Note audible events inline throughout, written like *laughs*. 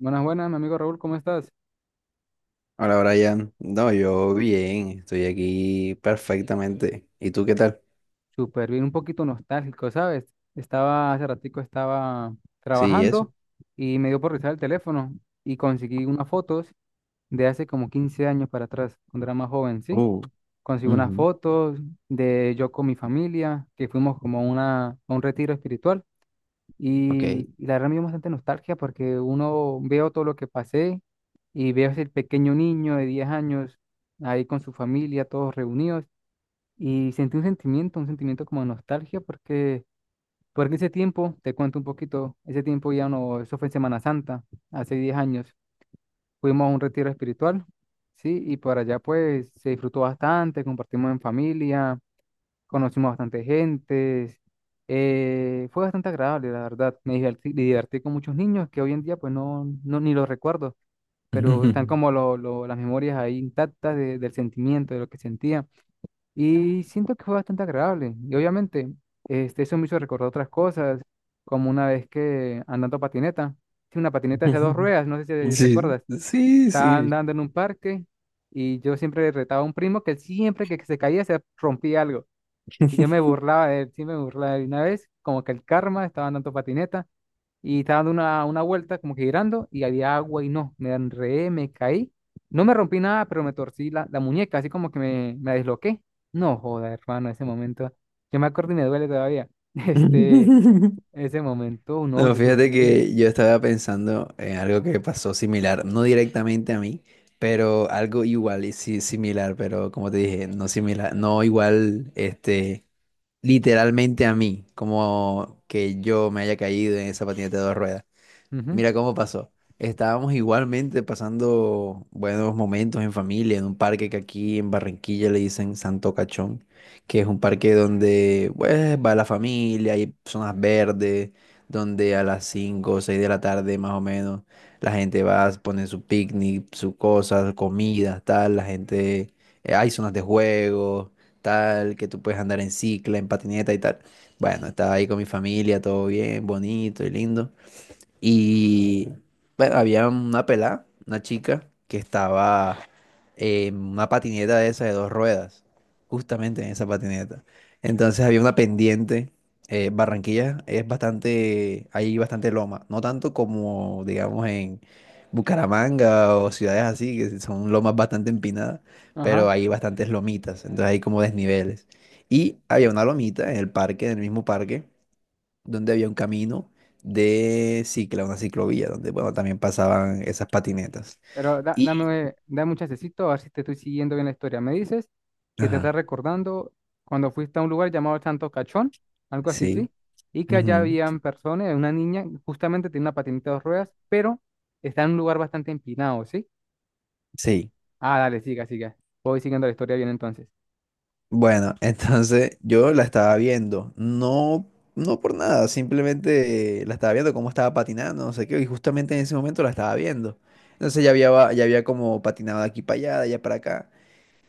Buenas, buenas, mi amigo Raúl, ¿cómo estás? Hola Brian, no, yo bien, estoy aquí perfectamente. ¿Y tú qué tal? Súper bien, un poquito nostálgico, ¿sabes? Hace ratico estaba Sí, eso. trabajando y me dio por revisar el teléfono y conseguí unas fotos de hace como 15 años para atrás, cuando era más joven, ¿sí? Oh, Conseguí unas ujú, fotos de yo con mi familia, que fuimos como a un retiro espiritual ok. y la verdad me dio bastante nostalgia porque uno veo todo lo que pasé y veo ese pequeño niño de 10 años ahí con su familia, todos reunidos. Y sentí un sentimiento como de nostalgia, porque ese tiempo, te cuento un poquito, ese tiempo ya no, eso fue en Semana Santa, hace 10 años, fuimos a un retiro espiritual, ¿sí? Y por allá pues se disfrutó bastante, compartimos en familia, conocimos bastante gente, fue bastante agradable, la verdad, me divertí con muchos niños que hoy en día pues no, no ni los recuerdo, pero están *laughs* como las memorias ahí intactas del sentimiento, de lo que sentía. Y siento que fue bastante agradable. Y obviamente, eso me hizo recordar otras cosas, como una vez que andando patineta, sí, una patineta de dos ruedas, no sé si Sí, recuerdas, sí, estaba sí. andando en un parque y yo siempre retaba a un primo que él siempre que se caía se rompía algo. Y yo me burlaba de él, sí me burlaba de él. Y una vez, como que el karma, estaba andando patineta y estaba dando una vuelta como que girando y había agua y no, me enredé, me caí. No me rompí nada, pero me torcí la muñeca, así como que me desloqué. No joda, hermano, ese momento. Yo me acuerdo y me duele todavía. *laughs* Este, *laughs* ese momento, no, No, yo fíjate sufrí. que yo estaba pensando en algo que pasó similar, no directamente a mí, pero algo igual y sí, similar, pero como te dije, no similar, no igual, literalmente a mí, como que yo me haya caído en esa patineta de dos ruedas. Ujú. Mira cómo pasó. Estábamos igualmente pasando buenos momentos en familia en un parque que aquí en Barranquilla le dicen Santo Cachón, que es un parque donde pues, va la familia, hay zonas verdes, donde a las 5, o 6 de la tarde más o menos la gente va, pone su picnic, sus cosas, comida, tal, la gente, hay zonas de juego, tal, que tú puedes andar en cicla, en patineta y tal. Bueno, estaba ahí con mi familia, todo bien, bonito y lindo. Y bueno, había una pelada, una chica, que estaba en una patineta de esas de dos ruedas, justamente en esa patineta. Entonces había una pendiente. Barranquilla es bastante, hay bastante loma, no tanto como, digamos, en Bucaramanga o ciudades así, que son lomas bastante empinadas, Ajá. pero hay bastantes lomitas, entonces hay como desniveles. Y había una lomita en el parque, en el mismo parque donde había un camino de cicla, una ciclovía, donde, bueno, también pasaban esas patinetas. Pero da- Y, dame, dame un chancecito a ver si te estoy siguiendo bien la historia. Me dices que te ajá, estás recordando cuando fuiste a un lugar llamado Santo Cachón, algo así, sí, ¿sí? Y que allá ujú, habían personas, una niña, justamente tiene una patineta de dos ruedas, pero está en un lugar bastante empinado, ¿sí? sí. Ah, dale, siga, siga. Voy siguiendo la historia bien entonces. Bueno, *laughs* entonces yo la estaba viendo, no, no por nada, simplemente la estaba viendo cómo estaba patinando, no sé qué, y justamente en ese momento la estaba viendo. Entonces ya había como patinado de aquí para allá, de allá para acá.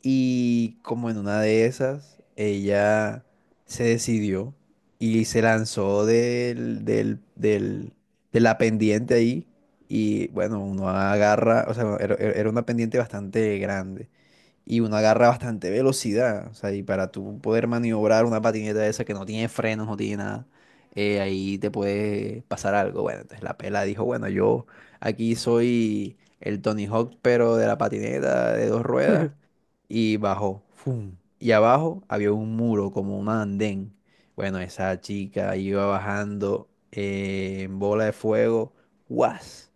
Y como en una de esas, ella se decidió y se lanzó de la pendiente ahí. Y bueno, uno agarra, o sea, era una pendiente bastante grande y uno agarra bastante velocidad. O sea, y para tú poder maniobrar una patineta de esa que no tiene frenos, no tiene nada, ahí te puede pasar algo. Bueno, entonces la pela dijo, bueno, yo aquí soy el Tony Hawk, pero de la patineta de dos ruedas. *laughs* Y bajó. ¡Fum! Y abajo había un muro, como un andén. Bueno, esa chica iba bajando en bola de fuego. ¡Guas!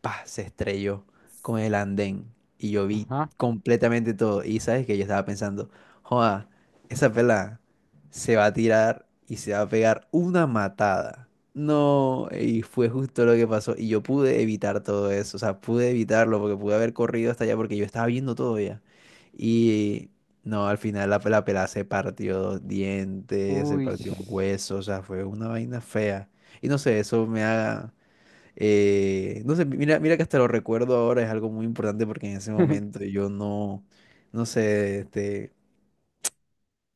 Pa, se estrelló con el andén y yo vi Ajá. completamente todo. Y sabes que yo estaba pensando, joda, esa pelada se va a tirar y se va a pegar una matada. No, y fue justo lo que pasó. Y yo pude evitar todo eso, o sea, pude evitarlo porque pude haber corrido hasta allá porque yo estaba viendo todo ya. Y no, al final la pelada se partió dos dientes, se Uy. partió un hueso, o sea, fue una vaina fea. Y no sé, eso me haga no sé, mira, mira que hasta lo recuerdo ahora, es algo muy importante porque en ese *laughs* momento yo no, no sé,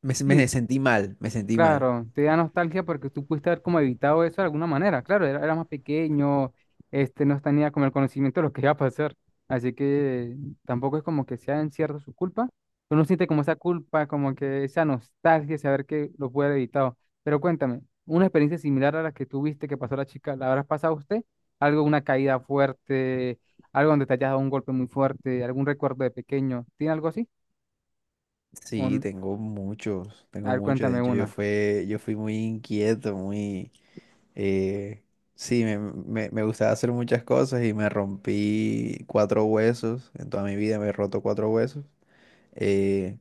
me, se- Sí, me sentí mal, me sentí mal. claro, te da nostalgia porque tú pudiste haber como evitado eso de alguna manera. Claro, era, era más pequeño, no tenía como el conocimiento de lo que iba a pasar. Así que tampoco es como que sea en cierto su culpa. Uno siente como esa culpa, como que esa nostalgia de saber que lo puede haber evitado. Pero cuéntame, una experiencia similar a la que tuviste que pasó la chica, ¿la habrás pasado usted? Algo, una caída fuerte, algo donde te hayas dado un golpe muy fuerte, algún recuerdo de pequeño. ¿Tiene algo así? Sí, Un- tengo muchos, a tengo ver, muchos. De cuéntame hecho, yo una. fue, yo fui muy inquieto, muy, eh, sí, me gustaba hacer muchas cosas y me rompí cuatro huesos. En toda mi vida me he roto cuatro huesos. Eh,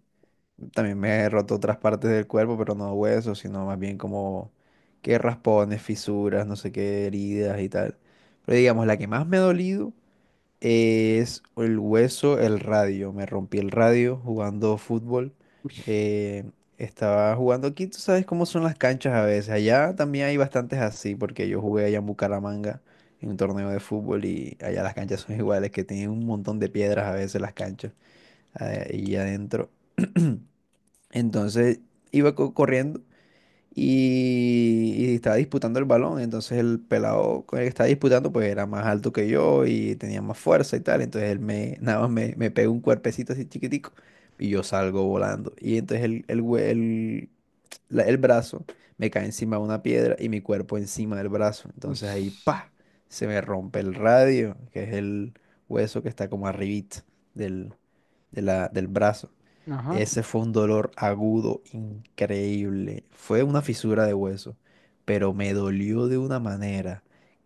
También me he roto otras partes del cuerpo, pero no huesos, sino más bien como que raspones, fisuras, no sé qué, heridas y tal. Pero digamos, la que más me ha dolido es el hueso, el radio. Me rompí el radio jugando fútbol. Eh, estaba jugando aquí, tú sabes cómo son las canchas a veces. Allá también hay bastantes así, porque yo jugué allá en Bucaramanga en un torneo de fútbol y allá las canchas son iguales, que tienen un montón de piedras a veces las canchas y adentro. *clears throat* Entonces iba corriendo y estaba disputando el balón. Entonces el pelado con el que estaba disputando pues era más alto que yo y tenía más fuerza y tal. Entonces *laughs* nada más me pega un cuerpecito así chiquitico y yo salgo volando. Y entonces el, hue- el, la- el brazo me cae encima de una piedra y mi cuerpo encima del brazo. Uy, Entonces ahí pa, se me rompe el radio, que es el hueso que está como arribita del, del brazo. ajá. Ese fue un dolor agudo, increíble. Fue una fisura de hueso, pero me dolió de una manera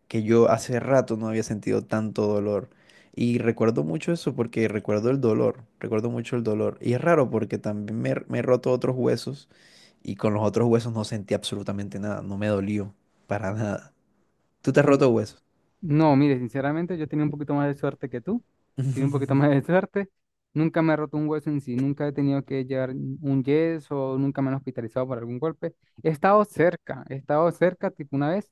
que yo hace rato no había sentido tanto dolor. Y recuerdo mucho eso porque recuerdo el dolor, recuerdo mucho el dolor. Y es raro porque también me he roto otros huesos y con los otros huesos no sentí absolutamente nada, no me dolió para nada. ¿Tú te has roto huesos? No, mire, sinceramente yo tenía un poquito más de suerte que tú. Tenía un poquito *laughs* más de suerte. Nunca me he roto un hueso en sí, nunca he tenido que llevar un yeso, nunca me han hospitalizado por algún golpe. He estado cerca, tipo una vez,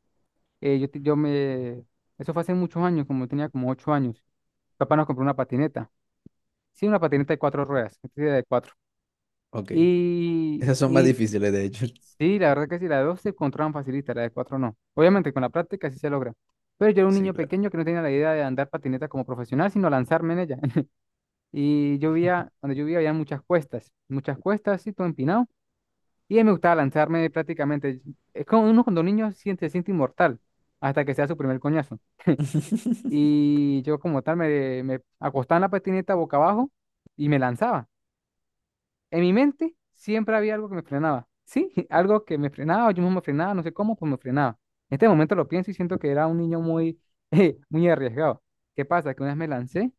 yo, yo me... Eso fue hace muchos años, como tenía como 8 años. Papá nos compró una patineta. Sí, una patineta de cuatro ruedas, una patineta de cuatro. Ok. Y, Esas son más y difíciles, de hecho. *laughs* sí, la verdad que sí, la de dos se controlan facilita, la de cuatro no. Obviamente con la práctica sí se logra. Pero yo era un Sí, niño claro. pequeño que no tenía la idea de andar patineta como profesional, sino lanzarme en ella. *laughs* Y yo vivía, donde yo vivía había muchas cuestas, y todo empinado. Y a mí me gustaba lanzarme prácticamente. Es como uno cuando niño siente, se siente inmortal hasta que sea su primer coñazo. *laughs* Y yo como tal me acostaba en la patineta boca abajo y me lanzaba. En mi mente siempre había algo que me frenaba, ¿sí? *laughs* Algo que me frenaba, yo mismo me frenaba, no sé cómo, pues me frenaba. En este momento lo pienso y siento que era un niño muy, *laughs* muy arriesgado. ¿Qué pasa? Que una vez me lancé,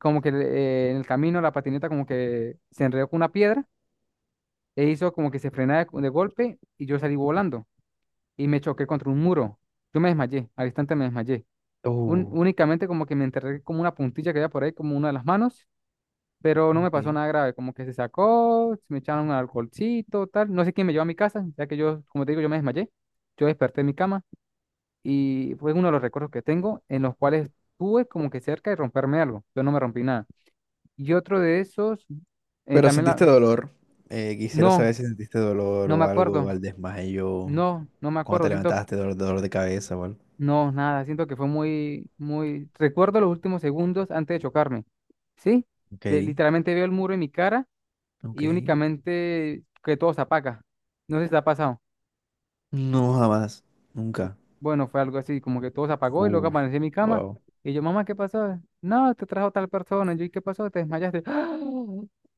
como que en el camino la patineta como que se enredó con una piedra e hizo como que se frenaba de golpe y yo salí volando y me choqué contra un muro. Yo me desmayé, al instante me desmayé. Oh, Únicamente como que me enterré como una puntilla que había por ahí, como una de las manos, pero no me pasó ok. nada grave, como que se sacó, se me echaron un alcoholcito, tal. No sé quién me llevó a mi casa, ya que yo, como te digo, yo me desmayé, yo desperté en mi cama y fue uno de los recuerdos que tengo en los cuales estuve como que cerca de romperme algo, yo no me rompí nada. Y otro de esos, Pero también sentiste la... dolor. Quisiera No, saber si sentiste dolor no me o algo acuerdo, al desmayo, no, no me cuando acuerdo, te siento que... levantaste, dolor, dolor de cabeza o algo. No, nada, siento que fue muy, muy... Recuerdo los últimos segundos antes de chocarme, ¿sí? Ok, Literalmente veo el muro en mi cara ok. y únicamente que todo se apaga. No sé si te ha pasado. No, jamás. Nunca. Bueno, fue algo así, como que todo se apagó y luego Uf, aparecí en mi cama. wow. Y yo, mamá, ¿qué pasó? No, te trajo tal persona. Y yo, ¿y qué pasó? Te desmayaste. ¡Ah!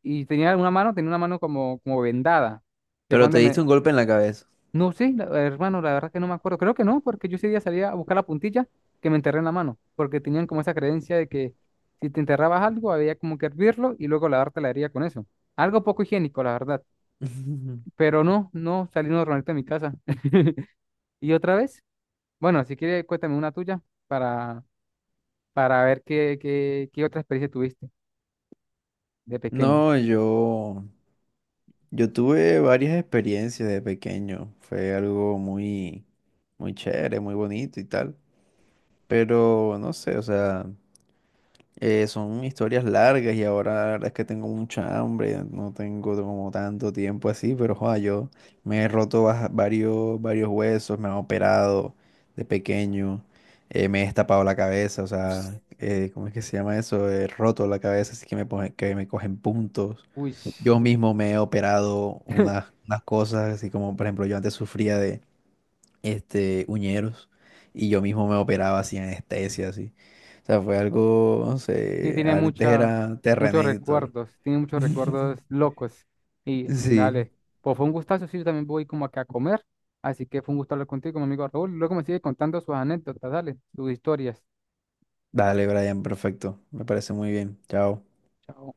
Y tenía una mano como, como vendada. Que fue Pero te donde diste me... un golpe en la cabeza. No sé, hermano, la verdad que no me acuerdo. Creo que no, porque yo ese día salía a buscar la puntilla que me enterré en la mano. Porque tenían como esa creencia de que si te enterrabas algo, había como que hervirlo y luego lavarte la herida con eso. Algo poco higiénico, la verdad. *laughs* Pero no, no, salí normalmente de mi casa. *laughs* Y otra vez, bueno, si quieres, cuéntame una tuya para, para ver qué, qué otra experiencia tuviste de pequeño. No, yo tuve varias experiencias de pequeño. Fue algo muy, muy chévere, muy bonito y tal. Pero no sé, o sea. Son historias largas y ahora la verdad es que tengo mucha hambre, no tengo como tanto tiempo así, pero joda, yo me he roto varios huesos, me han operado de pequeño, me he destapado la cabeza, o sea, ¿cómo es que se llama eso? He roto la cabeza, así que que me cogen puntos. Uy, *laughs* Yo sí, mismo me he operado unas cosas, así como por ejemplo yo antes sufría uñeros, y yo mismo me operaba así anestesia, así. O sea, fue algo, no sé, tiene antes era muchos Terrenator. recuerdos, tiene muchos *laughs* recuerdos locos. Y dale, Sí, pues fue un gustazo, sí, yo también voy como acá a comer, así que fue un gusto hablar contigo, mi amigo Raúl. Luego me sigue contando sus anécdotas, dale, sus historias. dale, Brian, perfecto, me parece muy bien, chao. Chao.